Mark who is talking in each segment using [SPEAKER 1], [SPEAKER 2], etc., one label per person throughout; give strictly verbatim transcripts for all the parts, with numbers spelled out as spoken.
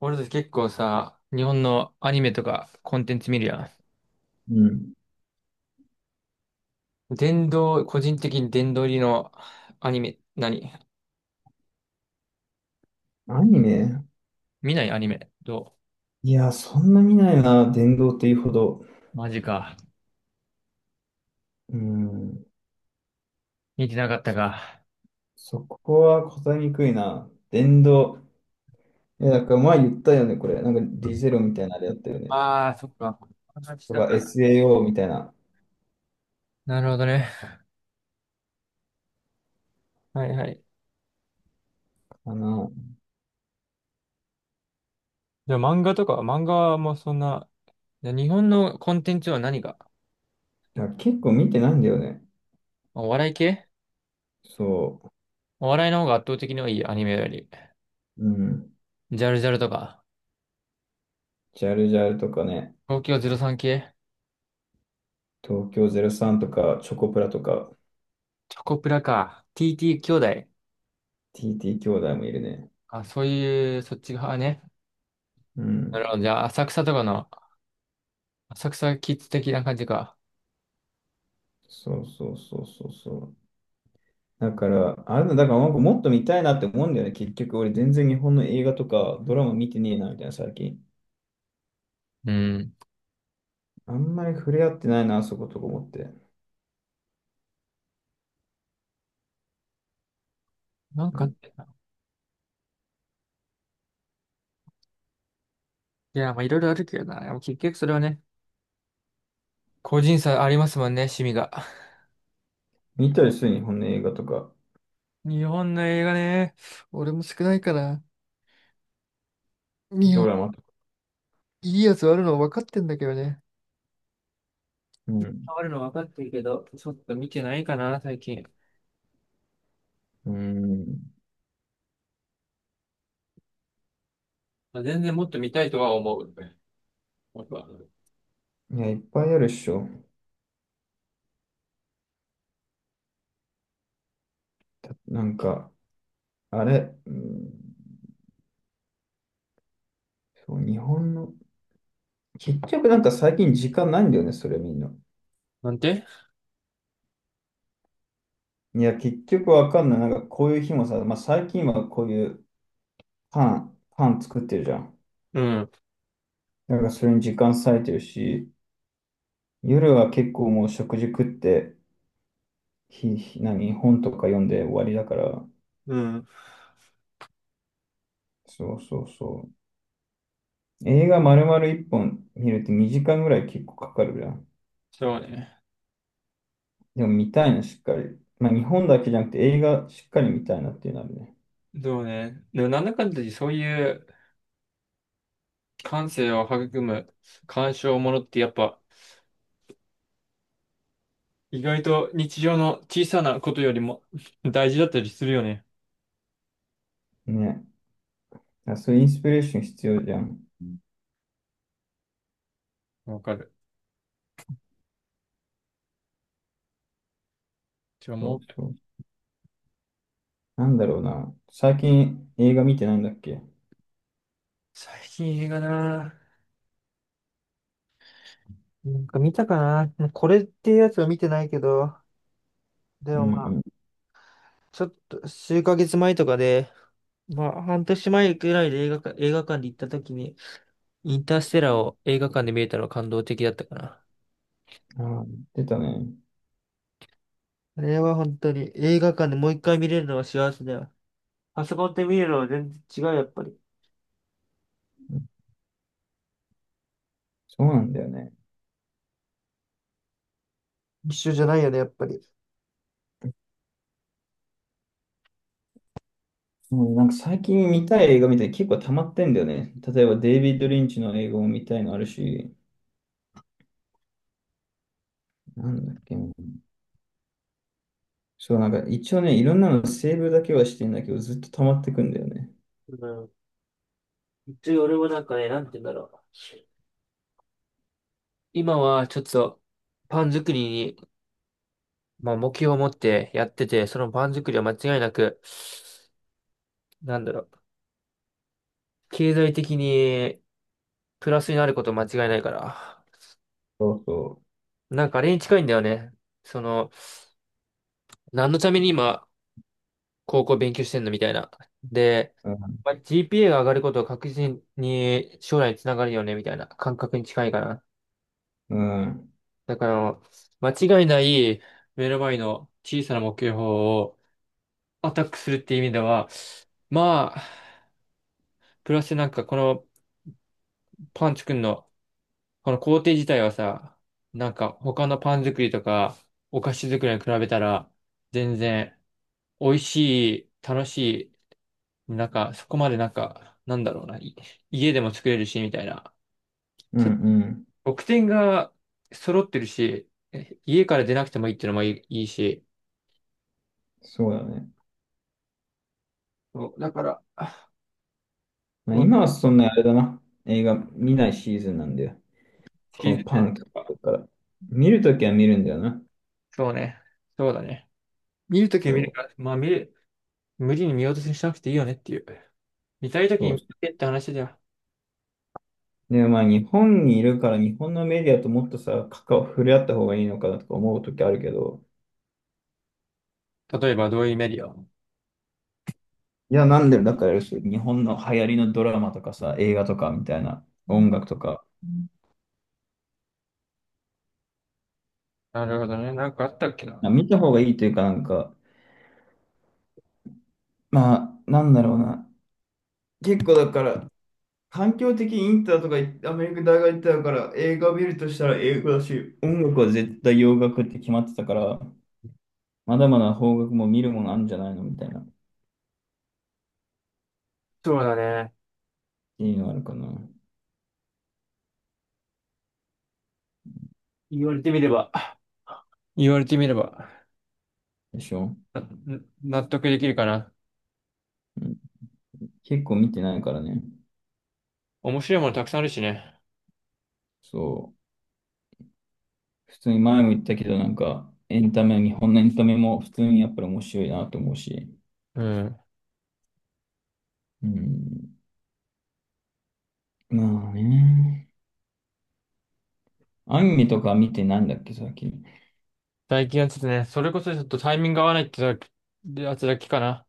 [SPEAKER 1] 俺たち結構さ、日本のアニメとかコンテンツ見るや
[SPEAKER 2] うん。
[SPEAKER 1] ん。殿堂、個人的に殿堂入りのアニメ、何
[SPEAKER 2] アニメ
[SPEAKER 1] 見ないアニメ。ど
[SPEAKER 2] いや、そんな見ないな、電動というほど。
[SPEAKER 1] うマジか。
[SPEAKER 2] うん。
[SPEAKER 1] 見てなかったか。
[SPEAKER 2] そこは答えにくいな。電動。いや、だから前言ったよね、これ。なんかディゼロみたいなあれやったよね。
[SPEAKER 1] ああー、そっか。話し
[SPEAKER 2] と
[SPEAKER 1] た
[SPEAKER 2] か
[SPEAKER 1] か。
[SPEAKER 2] エスエーオー みたいな。
[SPEAKER 1] なるほどね。はいはい。
[SPEAKER 2] かな。
[SPEAKER 1] じゃあ漫画とか漫画もそんな、じゃあ日本のコンテンツは何が
[SPEAKER 2] いや、結構見てないんだよね。
[SPEAKER 1] お笑い系
[SPEAKER 2] そ
[SPEAKER 1] お笑いの方が圧倒的に多い、アニメより。
[SPEAKER 2] う。うん。
[SPEAKER 1] ジャルジャルとか。
[SPEAKER 2] ジャルジャルとかね。
[SPEAKER 1] 東京ゼロさん系
[SPEAKER 2] 東京ゼロサンとか、チョコプラとか、
[SPEAKER 1] チョコプラか。ティーティー 兄弟。
[SPEAKER 2] ティーティー 兄弟もいるね。
[SPEAKER 1] あ、そういう、そっち側ね。
[SPEAKER 2] う
[SPEAKER 1] なる
[SPEAKER 2] ん。
[SPEAKER 1] ほど。じゃあ、浅草とかの、浅草キッズ的な感じか。
[SPEAKER 2] そうそうそうそうそう。だから、あれだ、だからなんかもっと見たいなって思うんだよね。結局、俺全然日本の映画とかドラマ見てねえな、みたいな、最近。
[SPEAKER 1] うん。
[SPEAKER 2] あんまり触れ合ってないな、あそことか思って。
[SPEAKER 1] なん
[SPEAKER 2] う
[SPEAKER 1] かあっ
[SPEAKER 2] ん、
[SPEAKER 1] たな、いや、まあ、いろいろあるけどな。でも結局それはね、個人差ありますもんね、趣味が。
[SPEAKER 2] 見たりする、日本の映画とか、
[SPEAKER 1] 日本の映画ね、俺も少ないから、日
[SPEAKER 2] ド
[SPEAKER 1] 本、
[SPEAKER 2] ラマとか。
[SPEAKER 1] いいね。
[SPEAKER 2] うん。
[SPEAKER 1] 変わるの分かってるけど、ちょっと見てないかな、最近。
[SPEAKER 2] うん。
[SPEAKER 1] まあ、全然もっと見たいとは思う。僕は
[SPEAKER 2] いや、いっぱいあるっしょ。たなんか、あれ、うん、そう、日本の、結局なんか最近時間ないんだよね、それみんな。
[SPEAKER 1] なんて
[SPEAKER 2] いや、結局わかんない。なんかこういう日もさ、まあ最近はこういうパン、パン作ってるじゃん。
[SPEAKER 1] うん。
[SPEAKER 2] だからそれに時間割いてるし、夜は結構もう食事食って、ひ、ひ何、本とか読んで終わりだから、
[SPEAKER 1] うん。
[SPEAKER 2] そうそうそう。映画丸々いっぽん見るってにじかんぐらい結構かかるじゃん。
[SPEAKER 1] そうね。
[SPEAKER 2] でも見たいな、しっかり。まあ日本だけじゃなくて映画しっかり見たいなっていうのあるね。
[SPEAKER 1] そうね。でも、なんだかんだでそういう感性を育む鑑賞ものってやっぱ、意外と日常の小さなことよりも 大事だったりするよね。
[SPEAKER 2] ね。あ、そういうインスピレーション必要じゃん。
[SPEAKER 1] うんわかる。じゃあ
[SPEAKER 2] そ
[SPEAKER 1] も
[SPEAKER 2] う
[SPEAKER 1] う、
[SPEAKER 2] そう。なんだろうな。最近映画見てないんだっけ。
[SPEAKER 1] 最近映画ななんか見たかなこれっていうやつは見てないけど、で
[SPEAKER 2] う
[SPEAKER 1] もまあ、
[SPEAKER 2] ん
[SPEAKER 1] ちょっと数ヶ月前とかで、まあ半年前くらいで映画館、映画館で行った時に、インターステラーを映画館で見れたのは感動的だったかな。
[SPEAKER 2] うん。ああ、言ってたね。
[SPEAKER 1] あれは本当に映画館でもう一回見れるのは幸せだよ。パソコンで見るのは全然違う、やっぱり。
[SPEAKER 2] うん。そうなんだよね。
[SPEAKER 1] 一緒じゃないよね、やっぱり。
[SPEAKER 2] もうねなんか最近見たい映画みたいに結構溜まってんだよね。例えばデイビッド・リンチの映画も見たいのあるし、なんだっけな。そう、なんか一応ね、いろんなのセーブだけはしてんだけど、ずっと溜まってくんだよね。
[SPEAKER 1] うん一応俺もなんかね、なんて言うんだろう。今はちょっとパン作りに、まあ、目標を持ってやってて、そのパン作りは間違いなく、なんだろう、経済的にプラスになること間違いないから、
[SPEAKER 2] そうそ
[SPEAKER 1] なんかあれに近いんだよね。その、何のために今、高校勉強してんのみたいな。で、
[SPEAKER 2] う。
[SPEAKER 1] まあ、ジーピーエー が上がることは確実に将来につながるよね、みたいな感覚に近いかな。
[SPEAKER 2] うん、うん、
[SPEAKER 1] だから、間違いない目の前の小さな目標をアタックするっていう意味では、まあ、プラスなんかこのパン作るの、この工程自体はさ、なんか他のパン作りとかお菓子作りに比べたら、全然美味しい、楽しい、なんかそこまでなんか、なんだろうな、い家でも作れるし、みたいな。
[SPEAKER 2] うん
[SPEAKER 1] ちょっと
[SPEAKER 2] うん。
[SPEAKER 1] 得点が揃ってるし、え家から出なくてもいいっていうのもいい、いいし。
[SPEAKER 2] そうだね。
[SPEAKER 1] そうだから、あ、
[SPEAKER 2] まあ、今はそんなあれだな。映画見ないシーズンなんだよ。
[SPEAKER 1] 気
[SPEAKER 2] こ
[SPEAKER 1] づ
[SPEAKER 2] の
[SPEAKER 1] い
[SPEAKER 2] パ
[SPEAKER 1] てない。
[SPEAKER 2] ンクとか。見るときは見るんだよな。
[SPEAKER 1] そうね。そうだね。見るときは見る
[SPEAKER 2] そう、
[SPEAKER 1] から、まあ見る。無理に見落とししなくていいよねっていう。見たいとき
[SPEAKER 2] そ
[SPEAKER 1] に
[SPEAKER 2] う。
[SPEAKER 1] 見たけって話だよ。
[SPEAKER 2] で、まあ日本にいるから日本のメディアともっとさ、関わ、触れ合った方がいいのかなとか思うときあるけど、
[SPEAKER 1] 例えばどういうメディア
[SPEAKER 2] いや、なんで、だからそう、日本の流行りのドラマとかさ、映画とかみたいな、音楽とか、
[SPEAKER 1] なるほどね。なんかあったっけな。
[SPEAKER 2] な見た方がいいというか、なんか、まあ、なんだろうな。結構だから、環境的にインターとか行ってアメリカ大学行ってたから、映画見るとしたら英語だし、音楽は絶対洋楽って決まってたから、まだまだ邦楽も見るものあるんじゃないのみたいな、っ
[SPEAKER 1] そうだね。
[SPEAKER 2] ていうのあるかな。
[SPEAKER 1] 言われてみれば。言われてみれば、
[SPEAKER 2] でしょ、
[SPEAKER 1] な納得できるかな。
[SPEAKER 2] うん、結構見てないからね。
[SPEAKER 1] 面白いものたくさんあるしね。
[SPEAKER 2] そう。普通に前も言ったけど、なんか、エンタメ、日本のエンタメも普通にやっぱり面白いなと思うし。
[SPEAKER 1] うん。
[SPEAKER 2] うん。まあね。アニメとか見てないんだっけ、最近。
[SPEAKER 1] 最近はちょっとね、それこそちょっとタイミングが合わないってだけやつだけかな。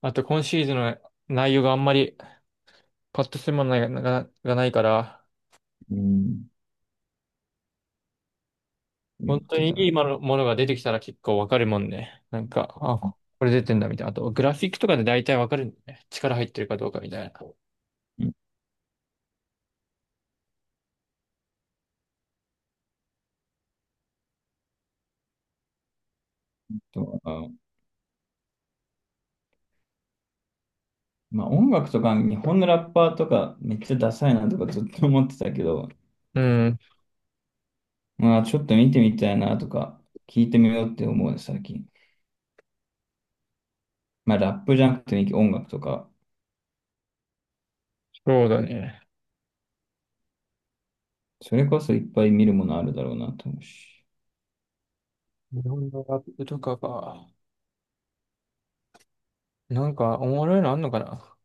[SPEAKER 1] あと今シーズンの内容があんまりパッとするものが、ががないから、
[SPEAKER 2] うん。言っ
[SPEAKER 1] 本当
[SPEAKER 2] て
[SPEAKER 1] に
[SPEAKER 2] た
[SPEAKER 1] い
[SPEAKER 2] の。
[SPEAKER 1] いものものが出てきたら結構わかるもんね。なんか、あ、ここれ出てんだみたいな。あと、グラフィックとかで大体わかるんだよね。力入ってるかどうかみたいな。
[SPEAKER 2] うん。とかまあ音楽とか、日本のラッパーとか、めっちゃダサいなとかずっと思ってたけど、
[SPEAKER 1] うん、
[SPEAKER 2] まあちょっと見てみたいなとか、聞いてみようって思うね、最近。まあラップじゃなくてい音楽とか、
[SPEAKER 1] そうだね。
[SPEAKER 2] それこそいっぱい見るものあるだろうなと思うし。
[SPEAKER 1] 日本のラップとかが、なんかおもろいのあんのかな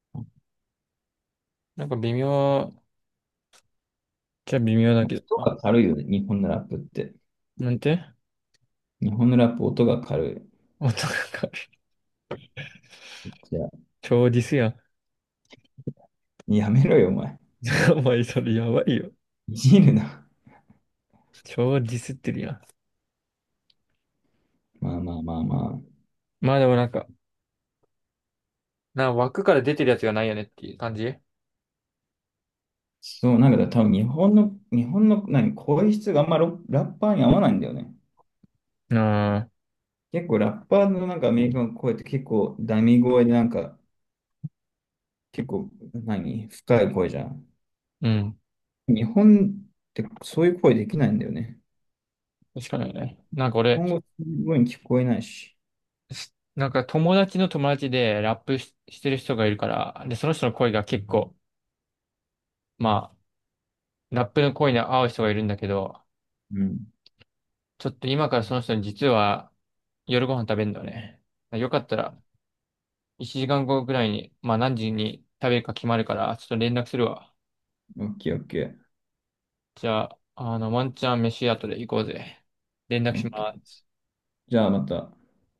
[SPEAKER 2] ま
[SPEAKER 1] なんか微妙、じゃ微妙だ
[SPEAKER 2] あ
[SPEAKER 1] けど、
[SPEAKER 2] 音
[SPEAKER 1] あ、
[SPEAKER 2] が軽いよね、日本のラップって。
[SPEAKER 1] なんて
[SPEAKER 2] 日本のラップ音が軽
[SPEAKER 1] 音がかる。
[SPEAKER 2] い。じゃあ
[SPEAKER 1] 超ディスやん。
[SPEAKER 2] やめろよ、お前。
[SPEAKER 1] お前それやばいよ。
[SPEAKER 2] いじるな。
[SPEAKER 1] 超ディスってるやん。
[SPEAKER 2] まあまあまあまあ。
[SPEAKER 1] まあでもなんか、な枠から出てるやつがないよねっていう感じ。あ
[SPEAKER 2] そう、なんか多分日本の、日本の何、声質があんまロラッパーに合わないんだよね。
[SPEAKER 1] あ、
[SPEAKER 2] 結構ラッパーのなんかアメリカの声って結構ダミ声でなんか結構何、深い声じゃん。
[SPEAKER 1] うん。
[SPEAKER 2] 日本ってそういう声できないんだよね。
[SPEAKER 1] しかないね。なんか
[SPEAKER 2] 日
[SPEAKER 1] 俺、
[SPEAKER 2] 本語すごい聞こえないし。
[SPEAKER 1] し、なんか友達の友達でラップし、してる人がいるから、で、その人の声が結構、まあ、ラップの声に合う人がいるんだけど、
[SPEAKER 2] うん。
[SPEAKER 1] ちょっと今からその人に実は夜ご飯食べるんだよね。よかったら、いちじかんごぐらいに、まあ何時に食べるか決まるから、ちょっと連絡するわ。
[SPEAKER 2] オッケーオッケー。
[SPEAKER 1] じゃあ、あの、ワンチャン飯後で行こうぜ。連絡
[SPEAKER 2] オ
[SPEAKER 1] し
[SPEAKER 2] ッケ
[SPEAKER 1] ま
[SPEAKER 2] ー。
[SPEAKER 1] す。
[SPEAKER 2] じゃあまた。